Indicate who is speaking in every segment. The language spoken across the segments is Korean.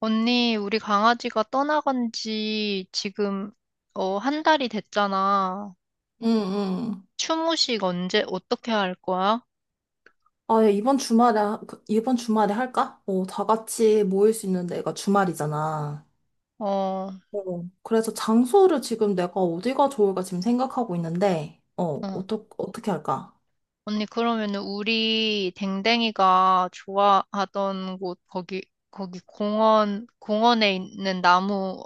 Speaker 1: 언니, 우리 강아지가 떠나간 지 지금, 한 달이 됐잖아.
Speaker 2: 응, 응.
Speaker 1: 추모식 언제, 어떻게 할 거야?
Speaker 2: 아, 야, 이번 주말에, 이번 주말에 할까? 다 같이 모일 수 있는 데가 주말이잖아.
Speaker 1: 어,
Speaker 2: 어, 그래서 장소를 지금 내가 어디가 좋을까 지금 생각하고 있는데,
Speaker 1: 어.
Speaker 2: 어떻게 할까?
Speaker 1: 언니, 그러면은 우리 댕댕이가 좋아하던 곳, 거기, 거기 공원, 공원에 있는 나무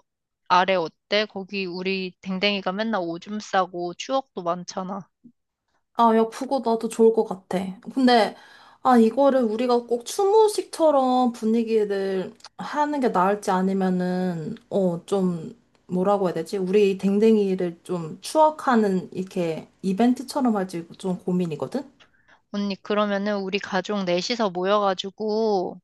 Speaker 1: 아래 어때? 거기 우리 댕댕이가 맨날 오줌 싸고 추억도 많잖아.
Speaker 2: 아, 야, 그거 나도 좋을 것 같아. 근데, 아, 이거를 우리가 꼭 추모식처럼 분위기를 하는 게 나을지 아니면은, 좀, 뭐라고 해야 되지? 우리 댕댕이를 좀 추억하는, 이렇게, 이벤트처럼 할지 좀 고민이거든?
Speaker 1: 언니, 그러면은 우리 가족 넷이서 모여가지고,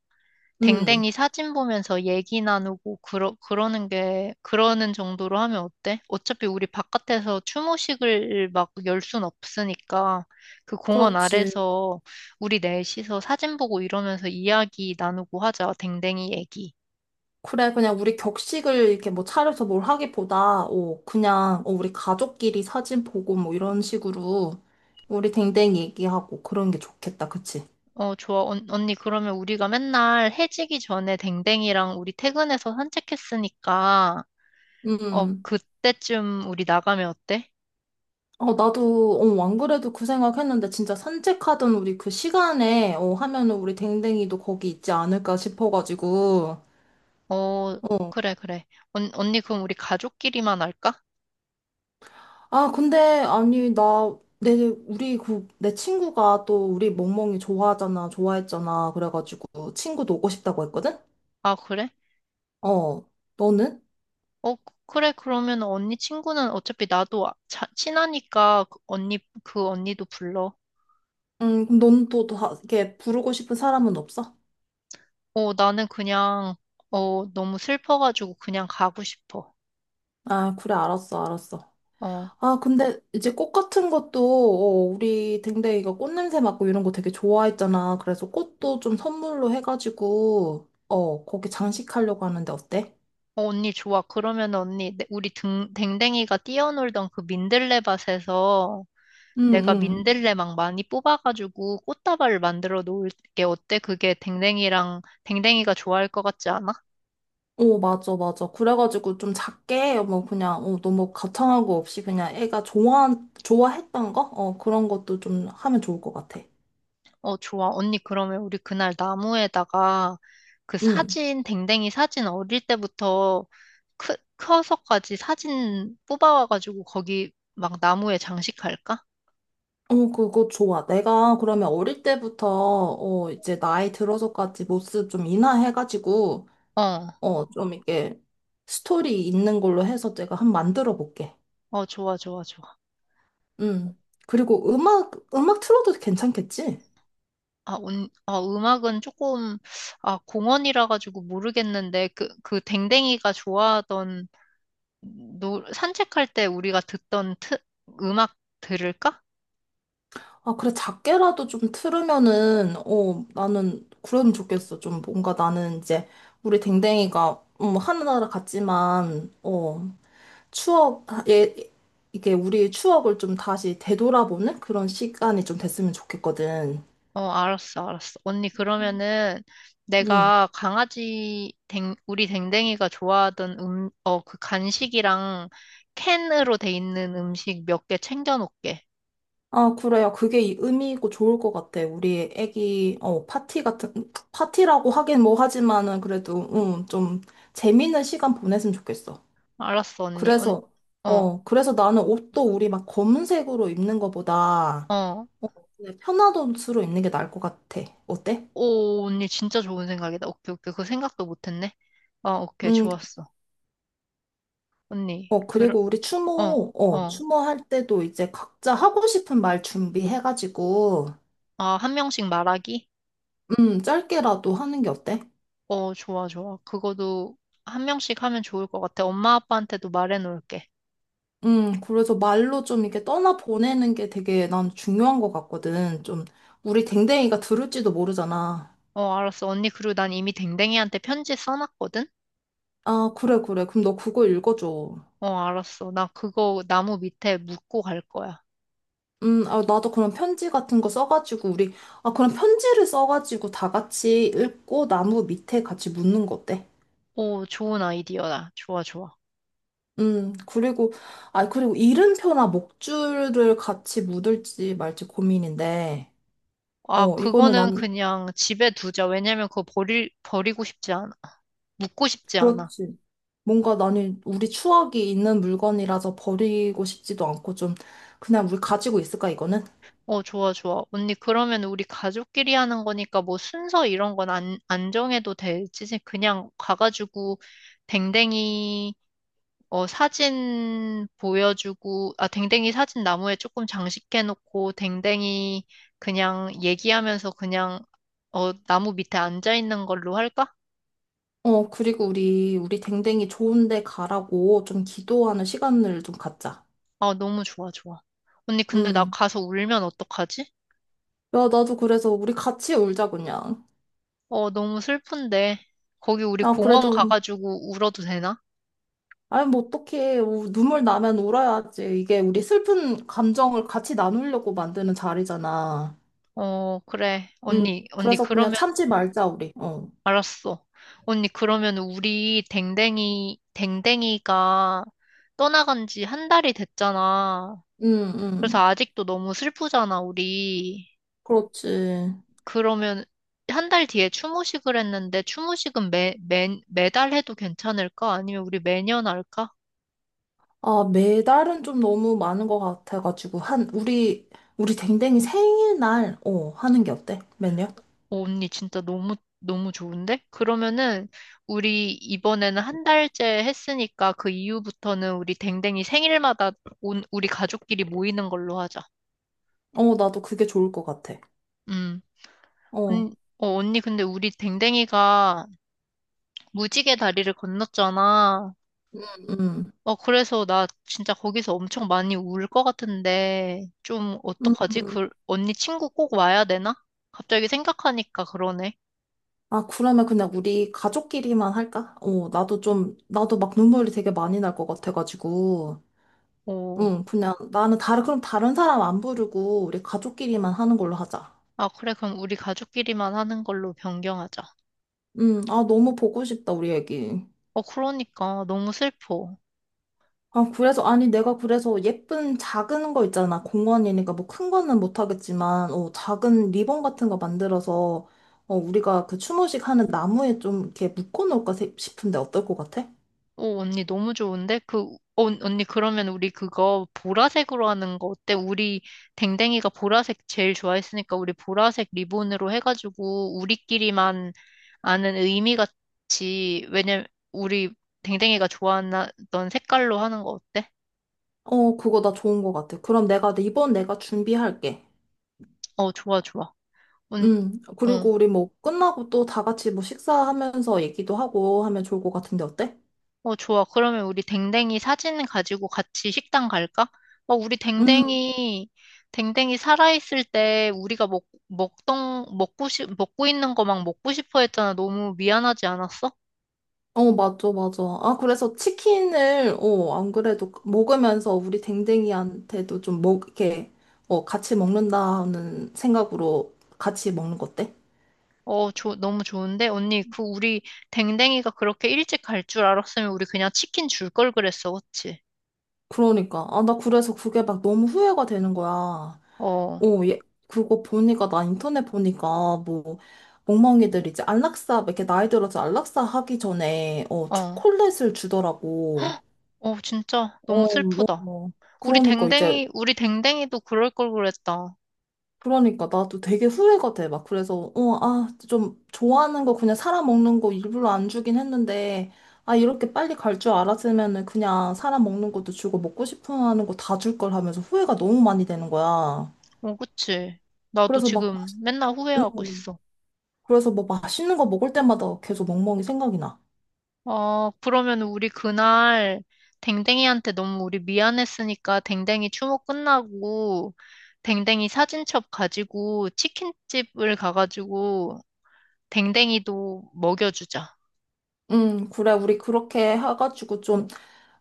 Speaker 2: 음.
Speaker 1: 댕댕이 사진 보면서 얘기 나누고 그러는 게 그러는 정도로 하면 어때? 어차피 우리 바깥에서 추모식을 막 열 순 없으니까 그 공원
Speaker 2: 그렇지.
Speaker 1: 아래서 우리 넷이서 사진 보고 이러면서 이야기 나누고 하자. 댕댕이 얘기.
Speaker 2: 그래, 그냥 우리 격식을 이렇게 뭐 차려서 뭘 하기보다, 그냥, 우리 가족끼리 사진 보고 뭐 이런 식으로 우리 댕댕이 얘기하고 그런 게 좋겠다, 그치?
Speaker 1: 어, 좋아. 언니 그러면 우리가 맨날 해지기 전에 댕댕이랑 우리 퇴근해서 산책했으니까 어,
Speaker 2: 음.
Speaker 1: 그때쯤 우리 나가면 어때?
Speaker 2: 어, 나도, 안 그래도 그 생각했는데 진짜 산책하던 우리 그 시간에, 하면은 우리 댕댕이도 거기 있지 않을까 싶어가지고.
Speaker 1: 어, 그래, 그래. 언, 언니 그럼 우리 가족끼리만 할까?
Speaker 2: 아, 근데, 아니, 나, 내, 우리 그, 내 친구가 또 우리 멍멍이 좋아하잖아, 좋아했잖아. 그래가지고 친구도 오고 싶다고 했거든?
Speaker 1: 아, 그래?
Speaker 2: 어, 너는?
Speaker 1: 어, 그- 래 그러면 언니 친구는 어차피 나도 친하니까 그 언니, 그 언니도 불러.
Speaker 2: 그럼 넌 또, 또, 이렇게 부르고 싶은 사람은 없어?
Speaker 1: 어, 나는 그냥, 어, 너무 슬퍼가지고 그냥 가고 싶어.
Speaker 2: 아, 그래, 알았어, 알았어.
Speaker 1: 어, 어,
Speaker 2: 아, 근데 이제 꽃 같은 것도, 우리 댕댕이가 꽃 냄새 맡고 이런 거 되게 좋아했잖아. 그래서 꽃도 좀 선물로 해가지고, 거기 장식하려고 하는데 어때?
Speaker 1: 언니 좋아. 그러면 언니, 우리 댕댕이가 뛰어놀던 그 민들레 밭에서
Speaker 2: 응,
Speaker 1: 내가
Speaker 2: 응.
Speaker 1: 민들레 막 많이 뽑아가지고 꽃다발을 만들어 놓을게. 어때? 그게 댕댕이가 좋아할 것 같지 않아?
Speaker 2: 오, 맞아, 맞아. 그래가지고 좀 작게, 뭐, 그냥, 너무 거창하고 없이 그냥 애가 좋아, 좋아했던 거? 그런 것도 좀 하면 좋을 것 같아.
Speaker 1: 어, 좋아. 언니, 그러면 우리 그날 나무에다가
Speaker 2: 응.
Speaker 1: 댕댕이 사진 어릴 때부터 커서까지 사진 뽑아와가지고 거기 막 나무에 장식할까?
Speaker 2: 어, 그거 좋아. 내가 그러면 어릴 때부터, 이제 나이 들어서까지 모습 좀 인하해가지고,
Speaker 1: 어,
Speaker 2: 좀 이렇게 스토리 있는 걸로 해서 내가 한 만들어 볼게.
Speaker 1: 어, 좋아, 좋아, 좋아.
Speaker 2: 음. 그리고 음악, 음악 틀어도 괜찮겠지?
Speaker 1: 아, 음악은 조금, 아, 공원이라 가지고 모르겠는데, 그 댕댕이가 좋아하던, 산책할 때 우리가 듣던 음악 들을까?
Speaker 2: 아, 그래, 작게라도 좀 틀으면은, 나는 그러면 좋겠어. 좀 뭔가 나는 이제 우리 댕댕이가, 하늘나라 같지만, 추억, 아, 예, 이게 우리의 추억을 좀 다시 되돌아보는 그런 시간이 좀 됐으면 좋겠거든.
Speaker 1: 어, 알았어, 알았어. 언니, 그러면은
Speaker 2: 음.
Speaker 1: 내가 우리 댕댕이가 좋아하던 그 간식이랑 캔으로 돼 있는 음식 몇 개 챙겨놓을게.
Speaker 2: 아, 그래요. 그게 의미 있고 좋을 것 같아. 우리 애기, 파티 같은, 파티라고 하긴 뭐 하지만은 그래도, 좀 재밌는 시간 보냈으면 좋겠어.
Speaker 1: 알았어, 언니. 언,
Speaker 2: 그래서,
Speaker 1: 어,
Speaker 2: 그래서 나는 옷도 우리 막 검은색으로 입는 거보다,
Speaker 1: 어.
Speaker 2: 어, 그냥 편한 옷으로 입는 게 나을 것 같아. 어때?
Speaker 1: 오, 언니 진짜 좋은 생각이다. 오케이, 오케이. 그 생각도 못했네. 어, 오케이,
Speaker 2: 음.
Speaker 1: 좋았어. 언니,
Speaker 2: 어,
Speaker 1: 그,
Speaker 2: 그리고 우리
Speaker 1: 어,
Speaker 2: 추모,
Speaker 1: 어.
Speaker 2: 추모할 때도 이제 각자 하고 싶은 말 준비해가지고,
Speaker 1: 아, 한 명씩 말하기?
Speaker 2: 짧게라도 하는 게 어때?
Speaker 1: 어, 좋아, 좋아. 그거도 한 명씩 하면 좋을 것 같아. 엄마 아빠한테도 말해놓을게.
Speaker 2: 그래서 말로 좀 이렇게 떠나보내는 게 되게 난 중요한 것 같거든. 좀, 우리 댕댕이가 들을지도 모르잖아.
Speaker 1: 어, 알았어. 언니, 그리고 난 이미 댕댕이한테 편지 써놨거든?
Speaker 2: 아, 그래, 그래. 그럼 너 그거 읽어줘.
Speaker 1: 어, 알았어. 나 그거 나무 밑에 묶고 갈 거야.
Speaker 2: 아, 나도 그런 편지 같은 거 써가지고, 우리, 아, 그런 편지를 써가지고 다 같이 읽고 나무 밑에 같이 묻는 거 어때?
Speaker 1: 오, 좋은 아이디어다. 좋아, 좋아.
Speaker 2: 그리고, 아, 그리고 이름표나 목줄을 같이 묻을지 말지 고민인데,
Speaker 1: 아,
Speaker 2: 이거는
Speaker 1: 그거는
Speaker 2: 난,
Speaker 1: 그냥 집에 두자. 왜냐면 버리고 싶지 않아. 묻고 싶지 않아.
Speaker 2: 그렇지. 뭔가 나는 우리 추억이 있는 물건이라서 버리고 싶지도 않고 좀, 그냥 우리 가지고 있을까, 이거는?
Speaker 1: 어, 좋아, 좋아. 언니, 그러면 우리 가족끼리 하는 거니까 뭐 순서 이런 건 안 정해도 되지. 그냥 가가지고 댕댕이 사진 보여주고, 아, 댕댕이 사진 나무에 조금 장식해놓고, 댕댕이 그냥 얘기하면서 그냥, 어, 나무 밑에 앉아있는 걸로 할까?
Speaker 2: 어, 그리고 우리 댕댕이 좋은데 가라고 좀 기도하는 시간을 좀 갖자.
Speaker 1: 아, 너무 좋아, 좋아. 언니, 근데 나
Speaker 2: 음.
Speaker 1: 가서 울면 어떡하지?
Speaker 2: 야, 나도 그래서 우리 같이 울자, 그냥.
Speaker 1: 어, 너무 슬픈데. 거기 우리
Speaker 2: 나
Speaker 1: 공원
Speaker 2: 그래도
Speaker 1: 가가지고 울어도 되나?
Speaker 2: 아니, 뭐, 어떡해. 눈물 나면 울어야지. 이게 우리 슬픈 감정을 같이 나누려고 만드는 자리잖아.
Speaker 1: 어, 그래.
Speaker 2: 음
Speaker 1: 언니, 언니,
Speaker 2: 그래서 그냥
Speaker 1: 그러면,
Speaker 2: 참지 말자, 우리. 어.
Speaker 1: 알았어. 언니, 그러면 우리 댕댕이가 떠나간 지 한 달이 됐잖아.
Speaker 2: 응,
Speaker 1: 그래서
Speaker 2: 응.
Speaker 1: 아직도 너무 슬프잖아, 우리.
Speaker 2: 그렇지.
Speaker 1: 그러면 한 달 뒤에 추모식을 했는데 추모식은 매달 해도 괜찮을까? 아니면 우리 매년 할까?
Speaker 2: 아, 매달은 좀 너무 많은 것 같아가지고. 한, 우리, 우리 댕댕이 생일날, 하는 게 어때? 매년?
Speaker 1: 오, 언니 진짜 너무 너무 좋은데? 그러면은 우리 이번에는 한 달째 했으니까 그 이후부터는 우리 댕댕이 생일마다 우리 가족끼리 모이는 걸로 하자.
Speaker 2: 어, 나도 그게 좋을 것 같아.
Speaker 1: 음.
Speaker 2: 어,
Speaker 1: 언니 근데 우리 댕댕이가 무지개 다리를 건넜잖아.
Speaker 2: 음.
Speaker 1: 어, 그래서 나 진짜 거기서 엄청 많이 울 것 같은데, 좀
Speaker 2: 음.
Speaker 1: 어떡하지? 그, 언니 친구 꼭 와야 되나? 갑자기 생각하니까 그러네.
Speaker 2: 아, 그러면 그냥 우리 가족끼리만 할까? 어, 나도 좀, 나도 막 눈물이 되게 많이 날 것 같아가지고.
Speaker 1: 오.
Speaker 2: 응, 그냥 나는 다른, 그럼 다른 사람 안 부르고 우리 가족끼리만 하는 걸로 하자.
Speaker 1: 아, 그래, 그럼 우리 가족끼리만 하는 걸로 변경하자.
Speaker 2: 응, 아, 너무 보고 싶다, 우리 애기.
Speaker 1: 어, 그러니까 너무 슬퍼.
Speaker 2: 아, 그래서, 아니, 내가 그래서 예쁜 작은 거 있잖아. 공원이니까 뭐 큰 거는 못 하겠지만, 작은 리본 같은 거 만들어서, 우리가 그 추모식 하는 나무에 좀 이렇게 묶어놓을까 싶은데 어떨 것 같아?
Speaker 1: 오, 언니 너무 좋은데? 그, 어, 언니 그러면 우리 그거 보라색으로 하는 거 어때? 우리 댕댕이가 보라색 제일 좋아했으니까 우리 보라색 리본으로 해가지고 우리끼리만 아는 의미 같이, 왜냐면 우리 댕댕이가 좋아하던 색깔로 하는 거 어때?
Speaker 2: 어, 그거 나 좋은 것 같아. 그럼 내가, 이번 내가 준비할게.
Speaker 1: 어, 좋아, 좋아. 언,
Speaker 2: 응,
Speaker 1: 어.
Speaker 2: 그리고 우리 뭐 끝나고 또 다 같이 뭐 식사하면서 얘기도 하고 하면 좋을 것 같은데 어때?
Speaker 1: 어, 좋아. 그러면 우리 댕댕이 사진 가지고 같이 식당 갈까? 어, 우리
Speaker 2: 음,
Speaker 1: 댕댕이, 댕댕이 살아있을 때 우리가 먹, 먹던, 먹고 싶, 먹고 있는 거 막 먹고 싶어 했잖아. 너무 미안하지 않았어?
Speaker 2: 어, 맞아, 맞아. 아, 그래서 치킨을, 안 그래도 먹으면서 우리 댕댕이한테도 좀 먹, 이렇게, 같이 먹는다는 생각으로 같이 먹는 거 어때?
Speaker 1: 어, 너무 좋은데? 언니, 그 우리 댕댕이가 그렇게 일찍 갈 줄 알았으면 우리 그냥 치킨 줄 걸 그랬어. 그치?
Speaker 2: 그러니까. 아, 나 그래서 그게 막 너무 후회가 되는 거야.
Speaker 1: 어,
Speaker 2: 어, 얘, 그거 보니까, 나 인터넷 보니까, 뭐, 멍멍이들 이제 안락사, 이렇게 나이 들어서 안락사 하기 전에,
Speaker 1: 어,
Speaker 2: 초콜릿을 주더라고.
Speaker 1: 어, 진짜
Speaker 2: 어,
Speaker 1: 너무
Speaker 2: 어,
Speaker 1: 슬프다.
Speaker 2: 어.
Speaker 1: 우리
Speaker 2: 그러니까 이제
Speaker 1: 댕댕이, 우리 댕댕이도 그럴 걸 그랬다.
Speaker 2: 그러니까 나도 되게 후회가 돼. 막 그래서 어, 아, 좀 좋아하는 거 그냥 사람 먹는 거 일부러 안 주긴 했는데 아, 이렇게 빨리 갈 줄 알았으면은 그냥 사람 먹는 것도 주고 먹고 싶어 하는 거 다 줄 걸 하면서 후회가 너무 많이 되는 거야.
Speaker 1: 어, 그치? 나도
Speaker 2: 그래서 막 맛,
Speaker 1: 지금 맨날 후회하고
Speaker 2: 음,
Speaker 1: 있어.
Speaker 2: 그래서 뭐 맛있는 거 먹을 때마다 계속 멍멍이 생각이 나.
Speaker 1: 어, 그러면 우리 그날 댕댕이한테 너무 우리 미안했으니까 댕댕이 추모 끝나고 댕댕이 사진첩 가지고 치킨집을 가가지고 댕댕이도 먹여주자.
Speaker 2: 그래. 우리 그렇게 해가지고 좀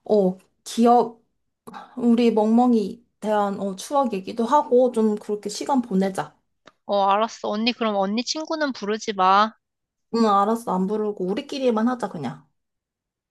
Speaker 2: 어, 기억 우리 멍멍이 대한 추억 얘기도 하고 좀 그렇게 시간 보내자.
Speaker 1: 어, 알았어. 언니, 그럼 언니 친구는 부르지 마.
Speaker 2: 응, 알았어. 안 부르고 우리끼리만 하자, 그냥.